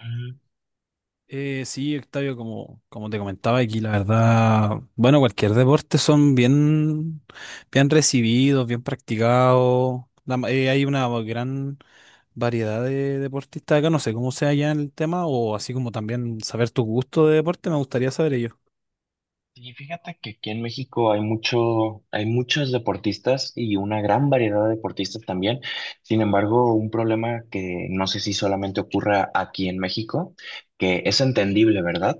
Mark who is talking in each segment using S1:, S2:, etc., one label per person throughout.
S1: Mm.
S2: Sí, Octavio, como te comentaba aquí, la verdad, bueno, cualquier deporte son bien, bien recibidos, bien practicados. Hay una gran variedad de deportistas acá, no sé cómo sea ya en el tema, o así como también saber tu gusto de deporte, me gustaría saber ello.
S1: Y fíjate que aquí en México hay mucho, hay muchos deportistas y una gran variedad de deportistas también. Sin embargo, un problema que no sé si solamente ocurra aquí en México, que es entendible, ¿verdad?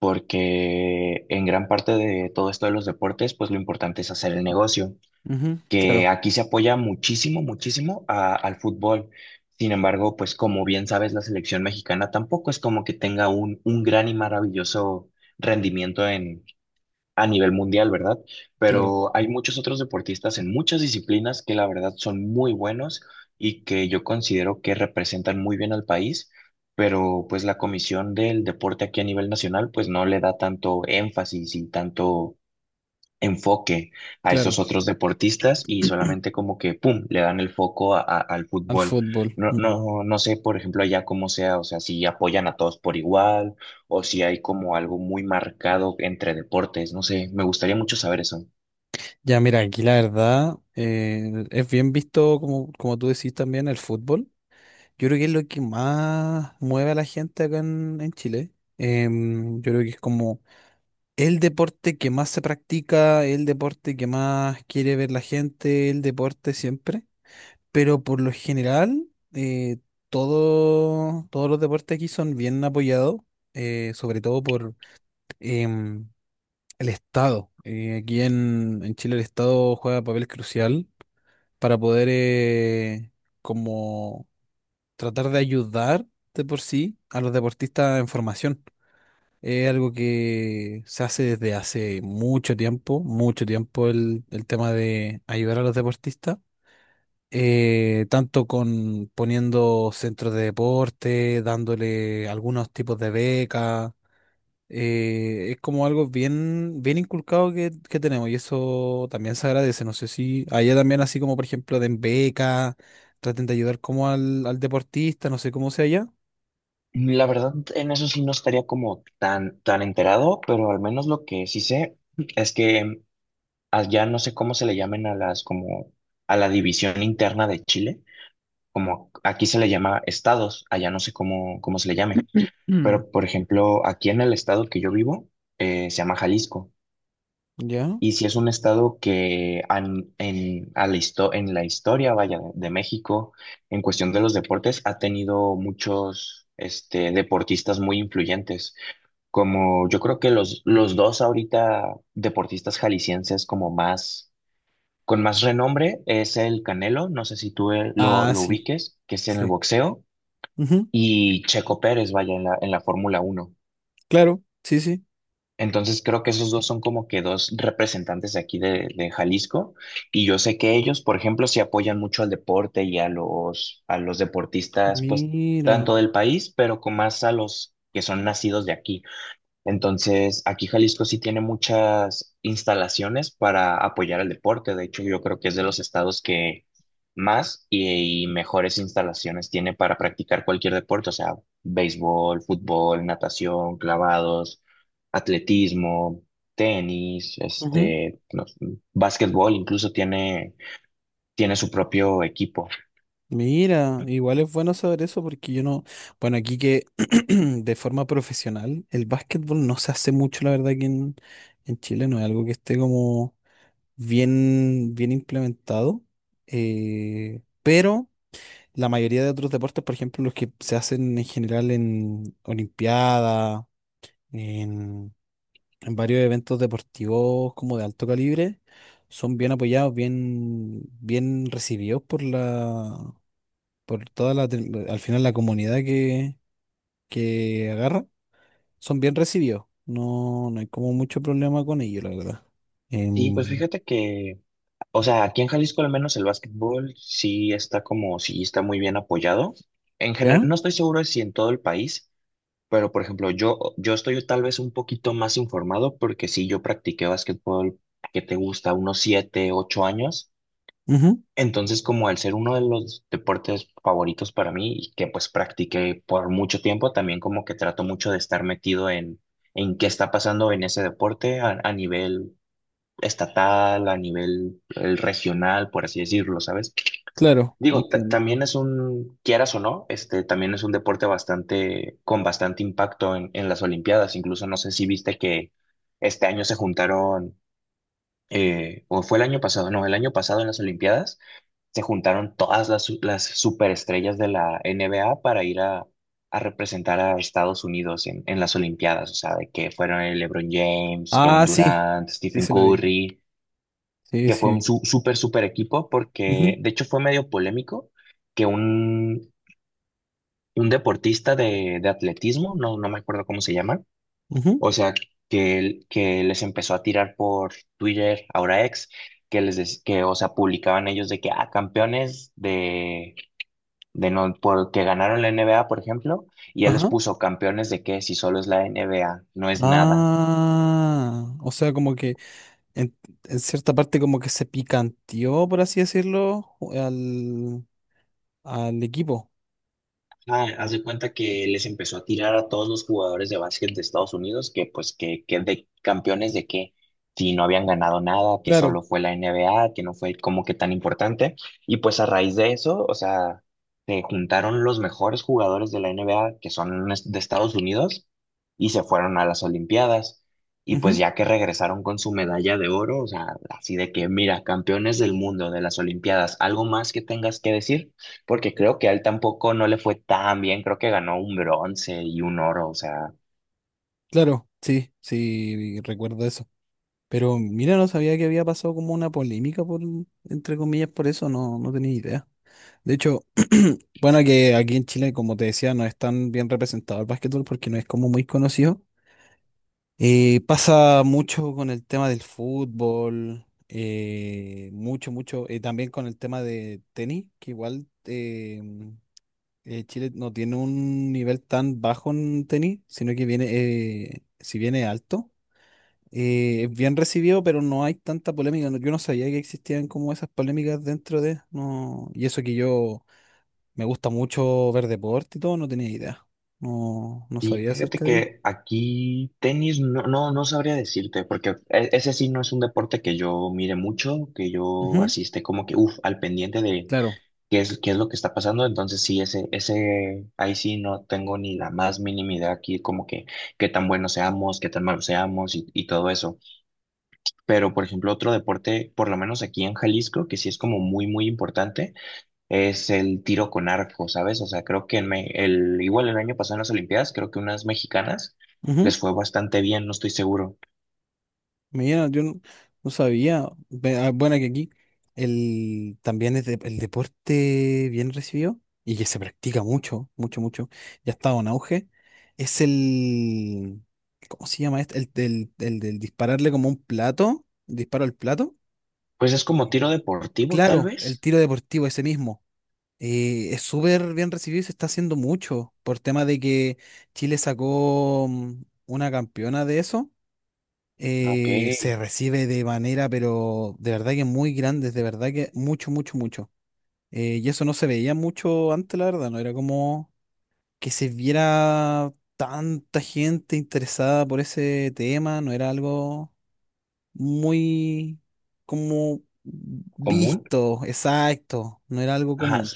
S1: Porque en gran parte de todo esto de los deportes, pues lo importante es hacer el negocio,
S2: Ujú.
S1: que
S2: Claro,
S1: aquí se apoya muchísimo, muchísimo a- al fútbol. Sin embargo, pues como bien sabes, la selección mexicana tampoco es como que tenga un gran y maravilloso rendimiento a nivel mundial, ¿verdad?
S2: claro,
S1: Pero hay muchos otros deportistas en muchas disciplinas que la verdad son muy buenos y que yo considero que representan muy bien al país, pero pues la Comisión del Deporte aquí a nivel nacional pues no le da tanto énfasis y tanto enfoque a esos
S2: claro,
S1: otros deportistas y solamente como que, ¡pum!, le dan el foco a- al
S2: al
S1: fútbol.
S2: fútbol.
S1: No,
S2: Mm.
S1: no, no sé, por ejemplo, allá cómo sea, o sea, si apoyan a todos por igual o si hay como algo muy marcado entre deportes, no sé, me gustaría mucho saber eso.
S2: Ya, mira, aquí la verdad es bien visto, como, como tú decís también, el fútbol. Yo creo que es lo que más mueve a la gente acá en Chile. Yo creo que es como el deporte que más se practica, el deporte que más quiere ver la gente, el deporte siempre. Pero por lo general, eh, todos los deportes aquí son bien apoyados, sobre todo por em, el Estado. Aquí en Chile el Estado juega papel crucial para poder como tratar de ayudar de por sí a los deportistas en formación. Es algo que se hace desde hace mucho tiempo el tema de ayudar a los deportistas, tanto con poniendo centros de deporte, dándole algunos tipos de becas. Es como algo bien, bien inculcado que tenemos y eso también se agradece. No sé si allá también así como por ejemplo den becas, traten de ayudar como al deportista, no sé cómo sea allá.
S1: La verdad, en eso sí no estaría como tan, tan enterado, pero al menos lo que sí sé es que allá no sé cómo se le llamen a las como a la división interna de Chile, como aquí se le llama estados, allá no sé cómo, cómo se le llame,
S2: Mm.
S1: pero por ejemplo, aquí en el estado que yo vivo, se llama Jalisco,
S2: ¿Ya?
S1: y si es un estado que an- en, a la histo- en la historia, vaya, de México, en cuestión de los deportes, ha tenido muchos este, deportistas muy influyentes, como yo creo que los dos ahorita deportistas jaliscienses como más... Con más renombre es el Canelo, no sé si tú
S2: Ah,
S1: lo
S2: sí,
S1: ubiques, que es en el
S2: sí.
S1: boxeo,
S2: Ujú.
S1: y Checo Pérez, vaya, en la Fórmula Uno.
S2: Claro, sí, sí.
S1: Entonces creo que esos dos son como que dos representantes de aquí de Jalisco, y yo sé que ellos, por ejemplo, sí apoyan mucho al deporte y a los deportistas, pues
S2: Mira.
S1: tanto del país, pero con más a los que son nacidos de aquí. Entonces, aquí Jalisco sí tiene muchas instalaciones para apoyar al deporte. De hecho, yo creo que es de los estados que más y mejores instalaciones tiene para practicar cualquier deporte, o sea, béisbol, fútbol, natación, clavados, atletismo, tenis,
S2: Ujú.
S1: este, no sé, básquetbol, incluso tiene, tiene su propio equipo.
S2: Mira, igual es bueno saber eso porque yo no, bueno, aquí que de forma profesional, el básquetbol no se hace mucho, la verdad, aquí en Chile, no es algo que esté como bien, bien implementado, pero la mayoría de otros deportes, por ejemplo, los que se hacen en general en Olimpiada, en varios eventos deportivos como de alto calibre, son bien apoyados, bien, bien recibidos por la, por toda la, al final la comunidad que agarra, son bien recibidos. No, no hay como mucho problema con ellos, la verdad.
S1: Sí, pues
S2: Em,
S1: fíjate que, o sea, aquí en Jalisco al menos el básquetbol sí está como, sí está muy bien apoyado. En general,
S2: ¿Ya?
S1: no estoy seguro de si en todo el país, pero por ejemplo, yo estoy tal vez un poquito más informado porque sí, yo practiqué básquetbol que te gusta unos siete, ocho años.
S2: Ujú.
S1: Entonces, como al ser uno de los deportes favoritos para mí y que pues practiqué por mucho tiempo, también como que trato mucho de estar metido en qué está pasando en ese deporte a nivel estatal, a nivel regional, por así decirlo, ¿sabes?
S2: Claro,
S1: Digo, ta-
S2: entiendo.
S1: también es un, quieras o no, este, también es un deporte bastante, con bastante impacto en las Olimpiadas. Incluso no sé si viste que este año se juntaron, o fue el año pasado, no, el año pasado en las Olimpiadas se juntaron todas las, su- las superestrellas de la NBA para ir a representar a Estados Unidos en las Olimpiadas. O sea, de que fueron el LeBron James, Kevin
S2: Ah, sí,
S1: Durant,
S2: sí
S1: Stephen
S2: se la vi.
S1: Curry,
S2: Sí,
S1: que
S2: sí
S1: fue un
S2: vi.
S1: su- súper, súper equipo, porque
S2: Ujú,
S1: de hecho fue medio polémico que un deportista de atletismo, no, no me acuerdo cómo se llama,
S2: ujú.
S1: o sea, que, él- que les empezó a tirar por Twitter, ahora ex, que les des- que, o sea, publicaban ellos de que, ah, campeones de no, porque ganaron la NBA, por ejemplo, y él les
S2: Ajá.
S1: puso campeones de que si solo es la NBA, no es nada.
S2: Ah, o sea, como que en, en cierta parte como que se picanteó, por así decirlo, al, al equipo.
S1: Ah, haz de cuenta que les empezó a tirar a todos los jugadores de básquet de Estados Unidos que pues que de campeones de que si no habían ganado nada, que
S2: Claro,
S1: solo fue la NBA, que no fue como que tan importante. Y pues a raíz de eso, o sea, se juntaron los mejores jugadores de la NBA que son es- de Estados Unidos y se fueron a las Olimpiadas. Y pues
S2: ujú,
S1: ya que regresaron con su medalla de oro, o sea, así de que mira, campeones del mundo de las Olimpiadas, ¿algo más que tengas que decir? Porque creo que a él tampoco no le fue tan bien, creo que ganó un bronce y un oro, o sea,
S2: claro, sí, sí, recuerdo eso. Pero mira, no sabía que había pasado como una polémica por, entre comillas, por eso, no, no tenía idea. De hecho, bueno, que aquí en Chile, como te decía, no es tan bien representado el básquetbol porque no es como muy conocido. Pasa mucho con el tema del fútbol, mucho, mucho. También con el tema de tenis, que igual Chile no tiene un nivel tan bajo en tenis, sino que viene, si viene alto, es bien recibido, pero no hay tanta polémica. Yo no sabía que existían como esas polémicas dentro de, no, y eso que yo me gusta mucho ver deporte y todo, no tenía idea. No, no
S1: sí,
S2: sabía
S1: fíjate
S2: acerca de ello.
S1: que aquí tenis no, no, no sabría decirte, porque e- ese sí no es un deporte que yo mire mucho, que yo
S2: Ujú,
S1: asiste como que, uff, al pendiente de
S2: claro.
S1: qué es lo que está pasando, entonces sí, ese, ahí sí no tengo ni la más mínima idea aquí, como que qué tan buenos seamos, qué tan malos seamos y todo eso. Pero, por ejemplo, otro deporte, por lo menos aquí en Jalisco, que sí es como muy, muy importante, es el tiro con arco, ¿sabes? O sea, creo que en me- el, igual el año pasado en las Olimpiadas, creo que unas mexicanas les fue bastante bien, no estoy seguro.
S2: Mira, yo no, no sabía. Bueno, que aquí el, también es el deporte bien recibido y que se practica mucho, mucho, mucho. Ya ha estado en auge. Es el, ¿cómo se llama este? El, del dispararle como un plato, disparo al plato.
S1: Pues es como
S2: Eh,
S1: tiro deportivo, tal
S2: Claro, el
S1: vez.
S2: tiro deportivo, ese mismo. Es súper bien recibido y se está haciendo mucho por tema de que Chile sacó mm, una campeona de eso
S1: Ok,
S2: se recibe de manera, pero de verdad que muy grande, de verdad que mucho, mucho, mucho. Y eso no se veía mucho antes, la verdad, no era como que se viera tanta gente interesada por ese tema, no era algo muy como
S1: común.
S2: visto, exacto, no era algo
S1: Ajá.
S2: común.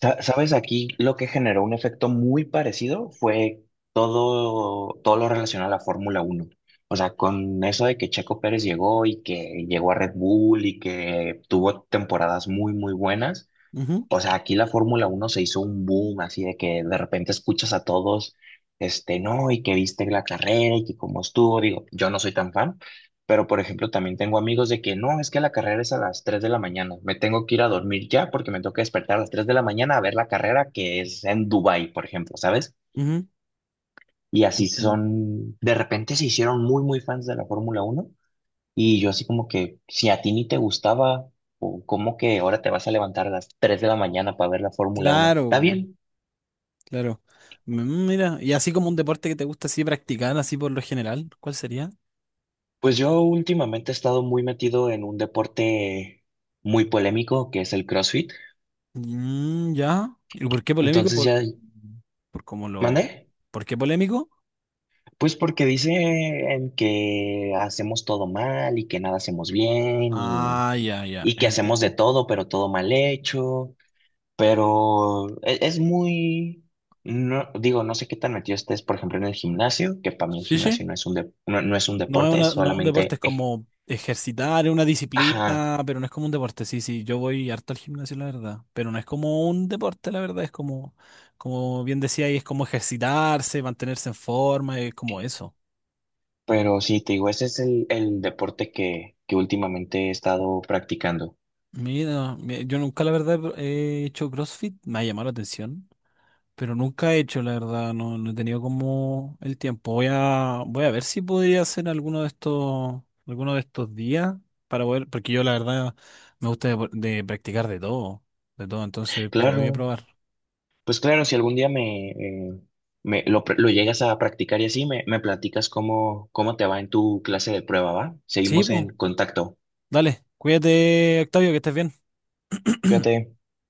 S1: Sa- ¿Sabes? Aquí lo que generó un efecto muy parecido fue todo, todo lo relacionado a la Fórmula uno. O sea, con eso de que Checo Pérez llegó y que llegó a Red Bull y que tuvo temporadas muy, muy buenas.
S2: Ujú,
S1: O sea, aquí la Fórmula Uno se hizo un boom, así de que de repente escuchas a todos, este, no, y que viste la carrera y que cómo estuvo. Digo, yo no soy tan fan, pero por ejemplo, también tengo amigos de que no, es que la carrera es a las 3 de la mañana, me tengo que ir a dormir ya porque me toca despertar a las 3 de la mañana a ver la carrera que es en Dubái, por ejemplo, ¿sabes?
S2: ujú.
S1: Y así
S2: Entiendo.
S1: son, de repente se hicieron muy, muy fans de la Fórmula Uno. Y yo así como que, si a ti ni te gustaba, o ¿cómo que ahora te vas a levantar a las 3 de la mañana para ver la Fórmula uno? Está
S2: Claro,
S1: bien.
S2: claro. Mm. Mira, y así como un deporte que te gusta así practicar, así por lo general, ¿cuál sería?
S1: Pues yo últimamente he estado muy metido en un deporte muy polémico que es el CrossFit.
S2: Mm, ya. ¿Y por qué polémico?
S1: Entonces ya
S2: Por cómo lo.
S1: mandé.
S2: ¿Por qué polémico?
S1: Pues porque dicen que hacemos todo mal y que nada hacemos bien
S2: Ah, ya, ya.
S1: y que hacemos de
S2: Entiendo.
S1: todo, pero todo mal hecho. Pero e- es, muy, no, digo, no sé qué tan metido estés, por ejemplo, en el gimnasio, que para mí el
S2: Sí, sí.
S1: gimnasio no es un, dep- no, no es un
S2: No es
S1: deporte, es
S2: una, no es un deporte,
S1: solamente...
S2: es como ejercitar, es una
S1: Ajá,
S2: disciplina, pero no es como un deporte. Sí, sí, yo voy harto al gimnasio, la verdad. Pero no es como un deporte, la verdad. Es como, como bien decía ahí, es como ejercitarse, mantenerse en forma, es como eso.
S1: pero sí, te digo, ese es el deporte que últimamente he estado practicando.
S2: Mira, yo nunca la verdad he hecho CrossFit, me ha llamado la atención. Pero nunca he hecho, la verdad, no, no he tenido como el tiempo. Voy a ver si podría hacer alguno de estos días para poder, porque yo la verdad me gusta de practicar de todo, entonces
S1: Claro,
S2: voy a probar.
S1: pues claro, si algún día me, me lo, pr- lo llegas a practicar y así, me platicas cómo, cómo te va en tu clase de prueba, ¿va?
S2: Sí,
S1: Seguimos
S2: pues,
S1: en contacto.
S2: dale, cuídate, Octavio, que estés bien.
S1: Cuídate.